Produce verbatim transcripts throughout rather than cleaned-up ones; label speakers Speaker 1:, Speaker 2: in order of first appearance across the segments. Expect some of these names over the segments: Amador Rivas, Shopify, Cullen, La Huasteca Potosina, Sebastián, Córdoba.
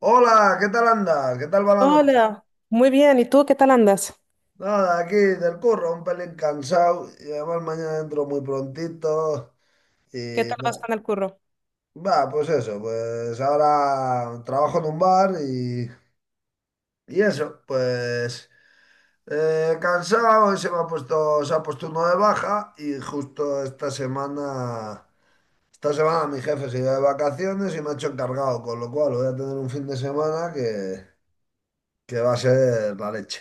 Speaker 1: Hola, ¿qué tal andas? ¿Qué tal va la noche?
Speaker 2: Hola, muy bien. ¿Y tú qué tal andas?
Speaker 1: Nada, aquí del curro, un pelín cansado y además mañana entro muy prontito
Speaker 2: ¿Qué
Speaker 1: y
Speaker 2: tal vas
Speaker 1: nada.
Speaker 2: con el curro?
Speaker 1: Va, pues eso, pues ahora trabajo en un bar y, y eso, pues eh, cansado, se me ha puesto, se ha puesto uno de baja y justo esta semana, esta semana mi jefe se iba de vacaciones y me ha hecho encargado, con lo cual voy a tener un fin de semana que, que va a ser la leche.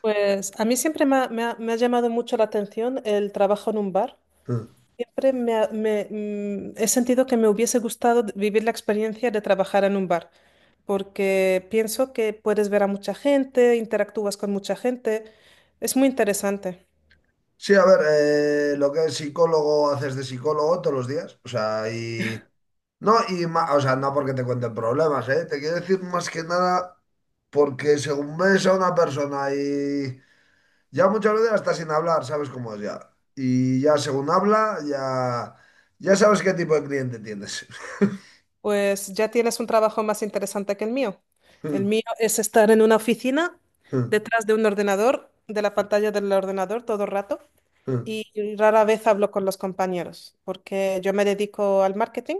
Speaker 2: Pues a mí siempre me ha, me ha- me ha llamado mucho la atención el trabajo en un bar. Siempre me, ha- me- mm, he sentido que me hubiese gustado d- vivir la experiencia de trabajar en un bar, porque pienso que puedes ver a mucha gente, interactúas con mucha gente. Es muy interesante.
Speaker 1: Sí, a ver, eh, lo que es psicólogo, haces de psicólogo todos los días. O sea, y. No, y ma- o sea, no porque te cuenten problemas, ¿eh? Te quiero decir más que nada porque según ves a una persona y ya muchas veces hasta sin hablar, sabes cómo es ya. Y ya según habla, ya, ya sabes qué tipo de cliente tienes.
Speaker 2: Pues ya tienes un trabajo más interesante que el mío. El mío es estar en una oficina, detrás de un ordenador, de la pantalla del ordenador todo el rato, y rara vez hablo con los compañeros porque yo me dedico al marketing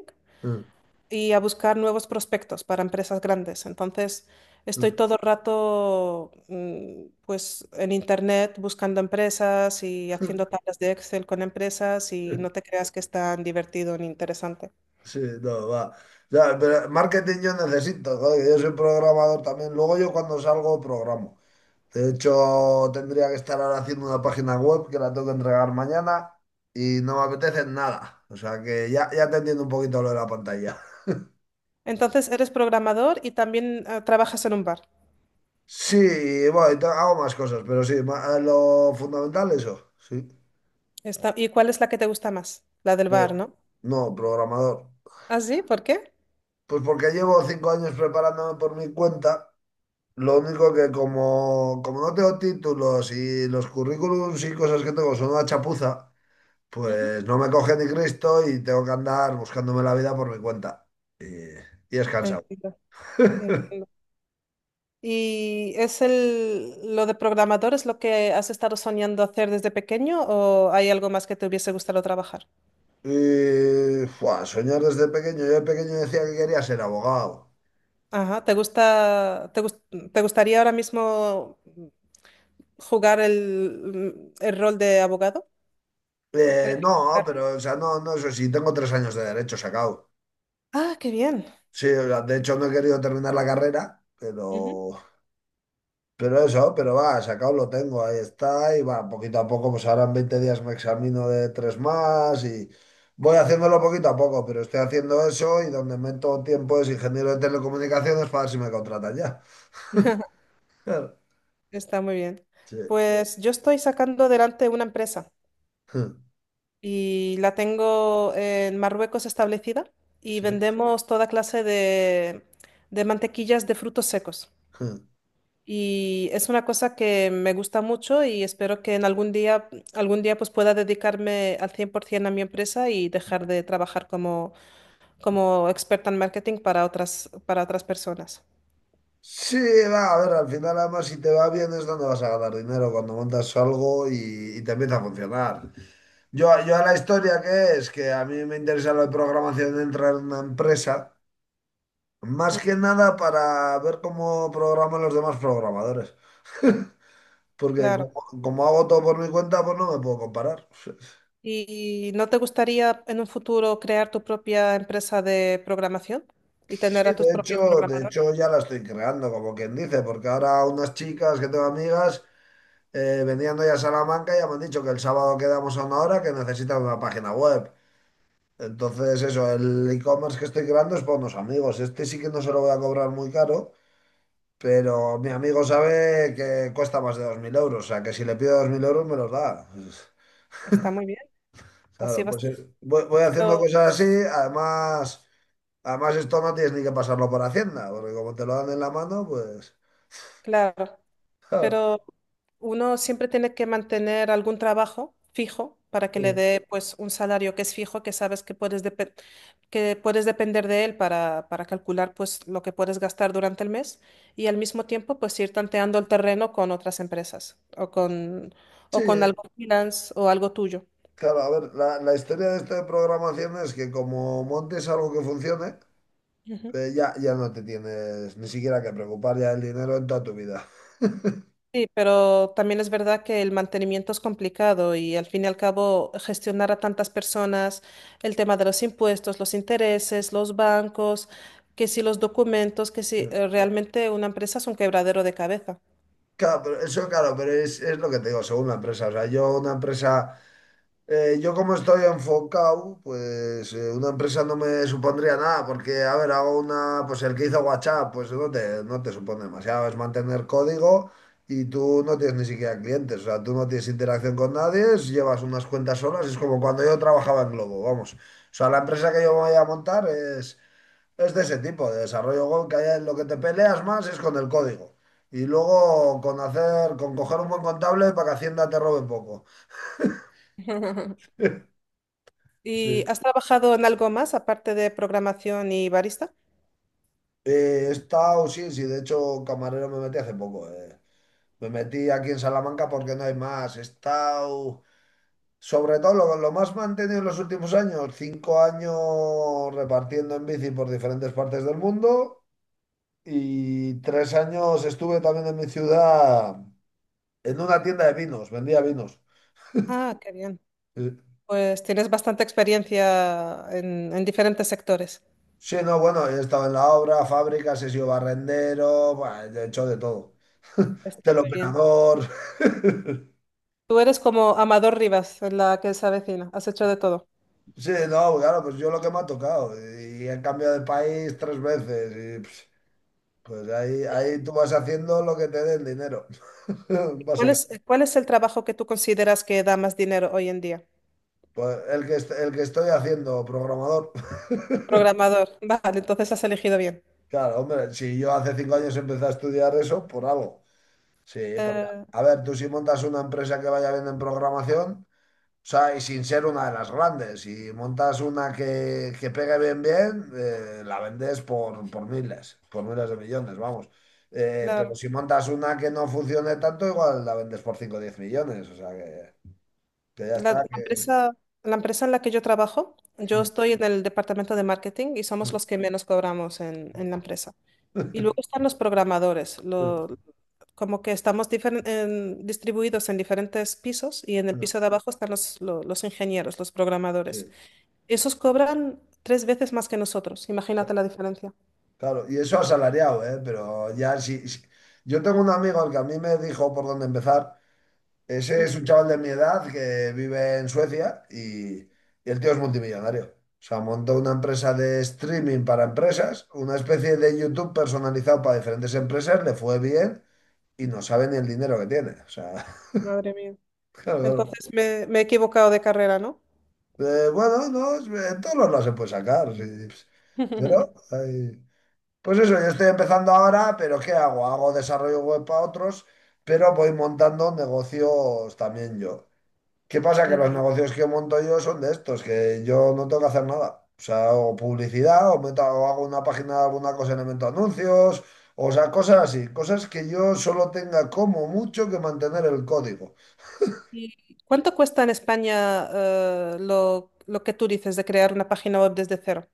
Speaker 2: y a buscar nuevos prospectos para empresas grandes. Entonces, estoy todo el rato mm, pues en internet buscando empresas y haciendo tablas de Excel con empresas, y no te creas que es tan divertido ni interesante.
Speaker 1: Sí, no, va. Ya, pero marketing yo necesito, joder, yo soy programador también. Luego yo cuando salgo programo. De hecho, tendría que estar ahora haciendo una página web que la tengo que entregar mañana y no me apetece nada. O sea que ya, ya te entiendo un poquito lo de la pantalla.
Speaker 2: Entonces, eres programador y también eh, trabajas en un bar.
Speaker 1: Sí, bueno, y te- hago más cosas, pero sí, ma- eh, lo fundamental eso, sí.
Speaker 2: Está- ¿y cuál es la que te gusta más? La del
Speaker 1: Eh,
Speaker 2: bar, ¿no?
Speaker 1: no, programador.
Speaker 2: ¿Ah, sí? ¿Por qué?
Speaker 1: Pues porque llevo cinco años preparándome por mi cuenta. Lo único que como, como no tengo títulos y los currículums y cosas que tengo son una chapuza,
Speaker 2: Ujú.
Speaker 1: pues no me coge ni Cristo y tengo que andar buscándome la vida por mi cuenta. Y, y es cansado.
Speaker 2: Entiendo, entiendo. ¿Y es el, lo de programador es lo que has estado soñando hacer desde pequeño, o hay algo más que te hubiese gustado trabajar?
Speaker 1: Y, fua, soñar desde pequeño. Yo de pequeño decía que quería ser abogado.
Speaker 2: Ajá, ¿te gusta, te gus- te gustaría ahora mismo jugar el, el rol de abogado?
Speaker 1: Eh, no,
Speaker 2: ¿Ejercitarlo?
Speaker 1: pero, o sea, no, no, eso sí, tengo tres años de derecho sacado.
Speaker 2: Ah, qué bien.
Speaker 1: Sí, o sea, de hecho no he querido terminar la carrera,
Speaker 2: Ujú.
Speaker 1: pero Pero eso, pero va, sacado lo tengo, ahí está, y va, poquito a poco, pues ahora en veinte días me examino de tres más y voy haciéndolo poquito a poco, pero estoy haciendo eso y donde meto tiempo es ingeniero de telecomunicaciones para ver si me contratan ya. Claro.
Speaker 2: Está muy bien.
Speaker 1: Sí.
Speaker 2: Pues yo estoy sacando adelante una empresa y la tengo en Marruecos establecida, y
Speaker 1: Sí.
Speaker 2: vendemos toda clase de, de mantequillas de frutos secos. Y es una cosa que me gusta mucho y espero que en algún día, algún día pues pueda dedicarme al cien por ciento a mi empresa y dejar de trabajar como, como experta en marketing para otras, para otras personas.
Speaker 1: Sí, va, a ver, al final además si te va bien es donde vas a ganar dinero cuando montas algo y, y te empieza a funcionar. Yo, yo a la historia que es, que a mí me interesa lo de programación de entrar en una empresa. Más que
Speaker 2: Mm,
Speaker 1: nada para ver cómo programan los demás programadores. Porque
Speaker 2: claro.
Speaker 1: como, como hago todo por mi cuenta, pues no me puedo comparar.
Speaker 2: ¿Y no te gustaría en un futuro crear tu propia empresa de programación y
Speaker 1: Sí,
Speaker 2: tener a tus
Speaker 1: de
Speaker 2: propios
Speaker 1: hecho, de
Speaker 2: programadores?
Speaker 1: hecho ya la estoy creando, como quien dice, porque ahora unas chicas que tengo amigas eh, venían hoy a Salamanca y ya me han dicho que el sábado quedamos a una hora que necesitan una página web. Entonces, eso, el e-commerce que estoy creando es para unos amigos. Este sí que no se lo voy a cobrar muy caro, pero mi amigo sabe que cuesta más de dos mil euros, o sea que si le pido dos mil euros me los da.
Speaker 2: Está muy bien. Así
Speaker 1: Claro,
Speaker 2: vas,
Speaker 1: pues eh, voy, voy haciendo
Speaker 2: pero,
Speaker 1: cosas así, además, además esto no tienes ni que pasarlo por Hacienda, porque como te lo dan en la mano, pues...
Speaker 2: claro, pero uno siempre tiene que mantener algún trabajo fijo para que le
Speaker 1: eh,
Speaker 2: dé pues un salario que es fijo, que sabes que puedes depe- que puedes depender de él para, para calcular pues lo que puedes gastar durante el mes, y al mismo tiempo pues ir tanteando el terreno con otras empresas, o con,
Speaker 1: sí,
Speaker 2: o con algo freelance o algo tuyo.
Speaker 1: claro, a ver, la, la historia de esto de programación es que como montes algo que funcione, eh, ya, ya no te tienes ni siquiera que preocupar ya del dinero en toda tu vida.
Speaker 2: Sí, pero también es verdad que el mantenimiento es complicado y al fin y al cabo gestionar a tantas personas, el tema de los impuestos, los intereses, los bancos, que si los documentos, que si
Speaker 1: Mm.
Speaker 2: eh, realmente una empresa es un quebradero de cabeza.
Speaker 1: Claro, pero eso claro, pero es, es lo que te digo, según la empresa. O sea, yo una empresa. Eh, yo como estoy enfocado, pues eh, una empresa no me supondría nada, porque, a ver, hago una, pues el que hizo WhatsApp, pues no te, no te supone demasiado, es mantener código y tú no tienes ni siquiera clientes, o sea, tú no tienes interacción con nadie, es- llevas unas cuentas solas, es como cuando yo trabajaba en Globo, vamos. O sea, la empresa que yo me voy a montar es, es de ese tipo, de desarrollo web, que hay- lo que te peleas más es con el código. Y luego con hacer, con coger un buen contable para que Hacienda te robe poco. Sí.
Speaker 2: ¿Y has trabajado en algo más aparte de programación y barista?
Speaker 1: Eh, he estado, sí, sí, de hecho, camarero me metí hace poco. eh. Me metí aquí en Salamanca porque no hay más. He estado, sobre todo lo, lo más mantenido en los últimos años, cinco años repartiendo en bici por diferentes partes del mundo y tres años estuve también en mi ciudad en una tienda de vinos, vendía vinos.
Speaker 2: Ah, qué bien.
Speaker 1: Eh,
Speaker 2: Pues tienes bastante experiencia en, en diferentes sectores.
Speaker 1: Sí, no, bueno, he estado en la obra, fábricas, he sido barrendero, buah, he hecho de todo.
Speaker 2: Está muy bien.
Speaker 1: Teleoperador.
Speaker 2: Tú eres como Amador Rivas, en La que se avecina. Has hecho de todo.
Speaker 1: Sí, no, claro, pues yo lo que me ha tocado. Y he cambiado de país tres veces. Y pues, pues ahí, ahí tú vas haciendo lo que te dé el dinero.
Speaker 2: ¿Y ¿Cuál es,
Speaker 1: Básicamente.
Speaker 2: cuál es el trabajo que tú consideras que da más dinero hoy en día?
Speaker 1: Pues el que, est- el que estoy haciendo, programador.
Speaker 2: Programador. Vale, entonces has elegido bien.
Speaker 1: Claro, hombre, si yo hace cinco años empecé a estudiar eso, por algo. Sí, porque,
Speaker 2: Eh,
Speaker 1: a ver, tú si montas una empresa que vaya bien en programación. Sea, y sin ser una de las grandes. Si montas una que, que pegue bien, bien, eh, la vendes por, por miles, por miles de millones, vamos. Eh, pero
Speaker 2: claro.
Speaker 1: si montas una que no funcione tanto, igual la vendes por cinco o diez millones. O sea, que, que ya
Speaker 2: La, la
Speaker 1: está. Que...
Speaker 2: empresa, la empresa en la que yo trabajo, yo estoy en el departamento de marketing y somos los que menos cobramos en, en la empresa. Y luego están los programadores, lo- como que estamos difer- en- distribuidos en diferentes pisos, y en el piso de abajo están los, lo- los ingenieros, los programadores.
Speaker 1: Sí,
Speaker 2: Esos cobran tres veces más que nosotros, imagínate la diferencia.
Speaker 1: claro. Y eso asalariado, ¿eh? Pero ya si... si- Yo tengo un amigo al que a mí me dijo por dónde empezar. Ese
Speaker 2: Mm.
Speaker 1: es un chaval de mi edad que vive en Suecia y, y el tío es multimillonario. O sea, montó una empresa de streaming para empresas, una especie de YouTube personalizado para diferentes empresas, le fue bien y no sabe ni el dinero que tiene. O sea,
Speaker 2: Madre mía.
Speaker 1: claro, claro.
Speaker 2: Entonces me, me he equivocado de carrera, ¿no?
Speaker 1: Eh, bueno, no, es- en todos los lados se puede sacar. Sí. Pero, ay, pues eso, yo estoy empezando ahora, pero ¿qué hago? Hago desarrollo web para otros, pero voy montando negocios también yo. ¿Qué pasa? Que los negocios que monto yo son de estos, que yo no tengo que hacer nada. O sea, o publicidad, o, meto- o hago una página de alguna cosa y le meto anuncios, o sea, cosas así, cosas que yo solo tenga como mucho que mantener el código.
Speaker 2: ¿Y cuánto cuesta en España eh, lo, lo que tú dices de crear una página web desde cero?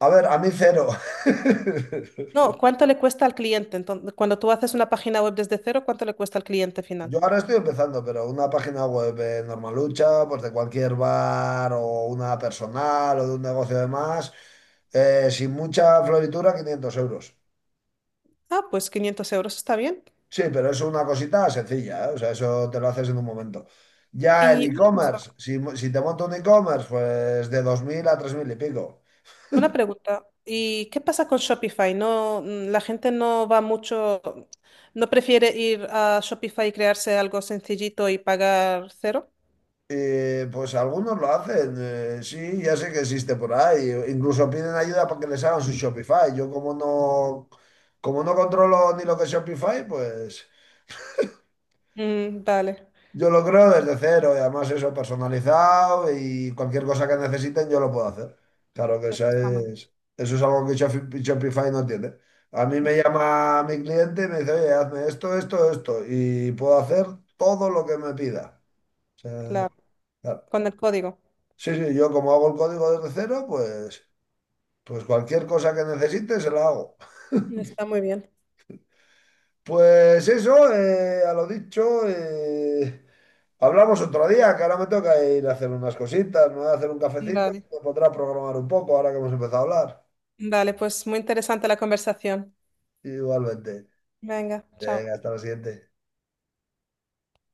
Speaker 1: A ver, a mí cero.
Speaker 2: No, ¿cuánto le cuesta al cliente? Entonces, cuando tú haces una página web desde cero, ¿cuánto le cuesta al cliente
Speaker 1: Yo
Speaker 2: final?
Speaker 1: ahora estoy empezando, pero una página web eh, normalucha, pues de cualquier bar o una personal o de un negocio de más, eh, sin mucha floritura, quinientos euros.
Speaker 2: Ah, pues quinientos euros, está bien.
Speaker 1: Sí, pero es una cosita sencilla, ¿eh? O sea, eso te lo haces en un momento. Ya el
Speaker 2: Y una cosa,
Speaker 1: e-commerce, si, mo- si te monto un e-commerce, pues de dos mil a tres mil y pico.
Speaker 2: una pregunta, ¿y qué pasa con Shopify? No, mm, la gente no va mucho, no prefiere ir a Shopify y crearse algo sencillito y pagar cero.
Speaker 1: Y, pues algunos lo hacen, eh, sí, ya sé que existe por ahí. Incluso piden ayuda para que les hagan su Shopify. Yo como no, como no controlo ni lo que es Shopify, pues...
Speaker 2: Mm, vale.
Speaker 1: Yo lo creo desde cero y además eso personalizado y cualquier cosa que necesiten yo lo puedo hacer. Claro que eso
Speaker 2: Está muy
Speaker 1: es- eso es algo que Shopify, Shopify no tiene. A mí me
Speaker 2: bien.
Speaker 1: llama mi cliente y me dice, oye, hazme esto, esto, esto y puedo hacer todo lo que me pida. O sea,
Speaker 2: Claro,
Speaker 1: claro.
Speaker 2: con el código.
Speaker 1: Sí, sí, yo como hago el código desde cero, pues, pues cualquier cosa que necesite se la hago.
Speaker 2: Está muy bien.
Speaker 1: Pues eso, eh, a lo dicho. eh, Hablamos otro día, que ahora me toca ir a hacer unas cositas, me voy a hacer un cafecito,
Speaker 2: Vale.
Speaker 1: me podrá programar un poco ahora que hemos empezado a hablar.
Speaker 2: Dale, pues muy interesante la conversación.
Speaker 1: Igualmente.
Speaker 2: Venga, chao.
Speaker 1: Venga, hasta la siguiente.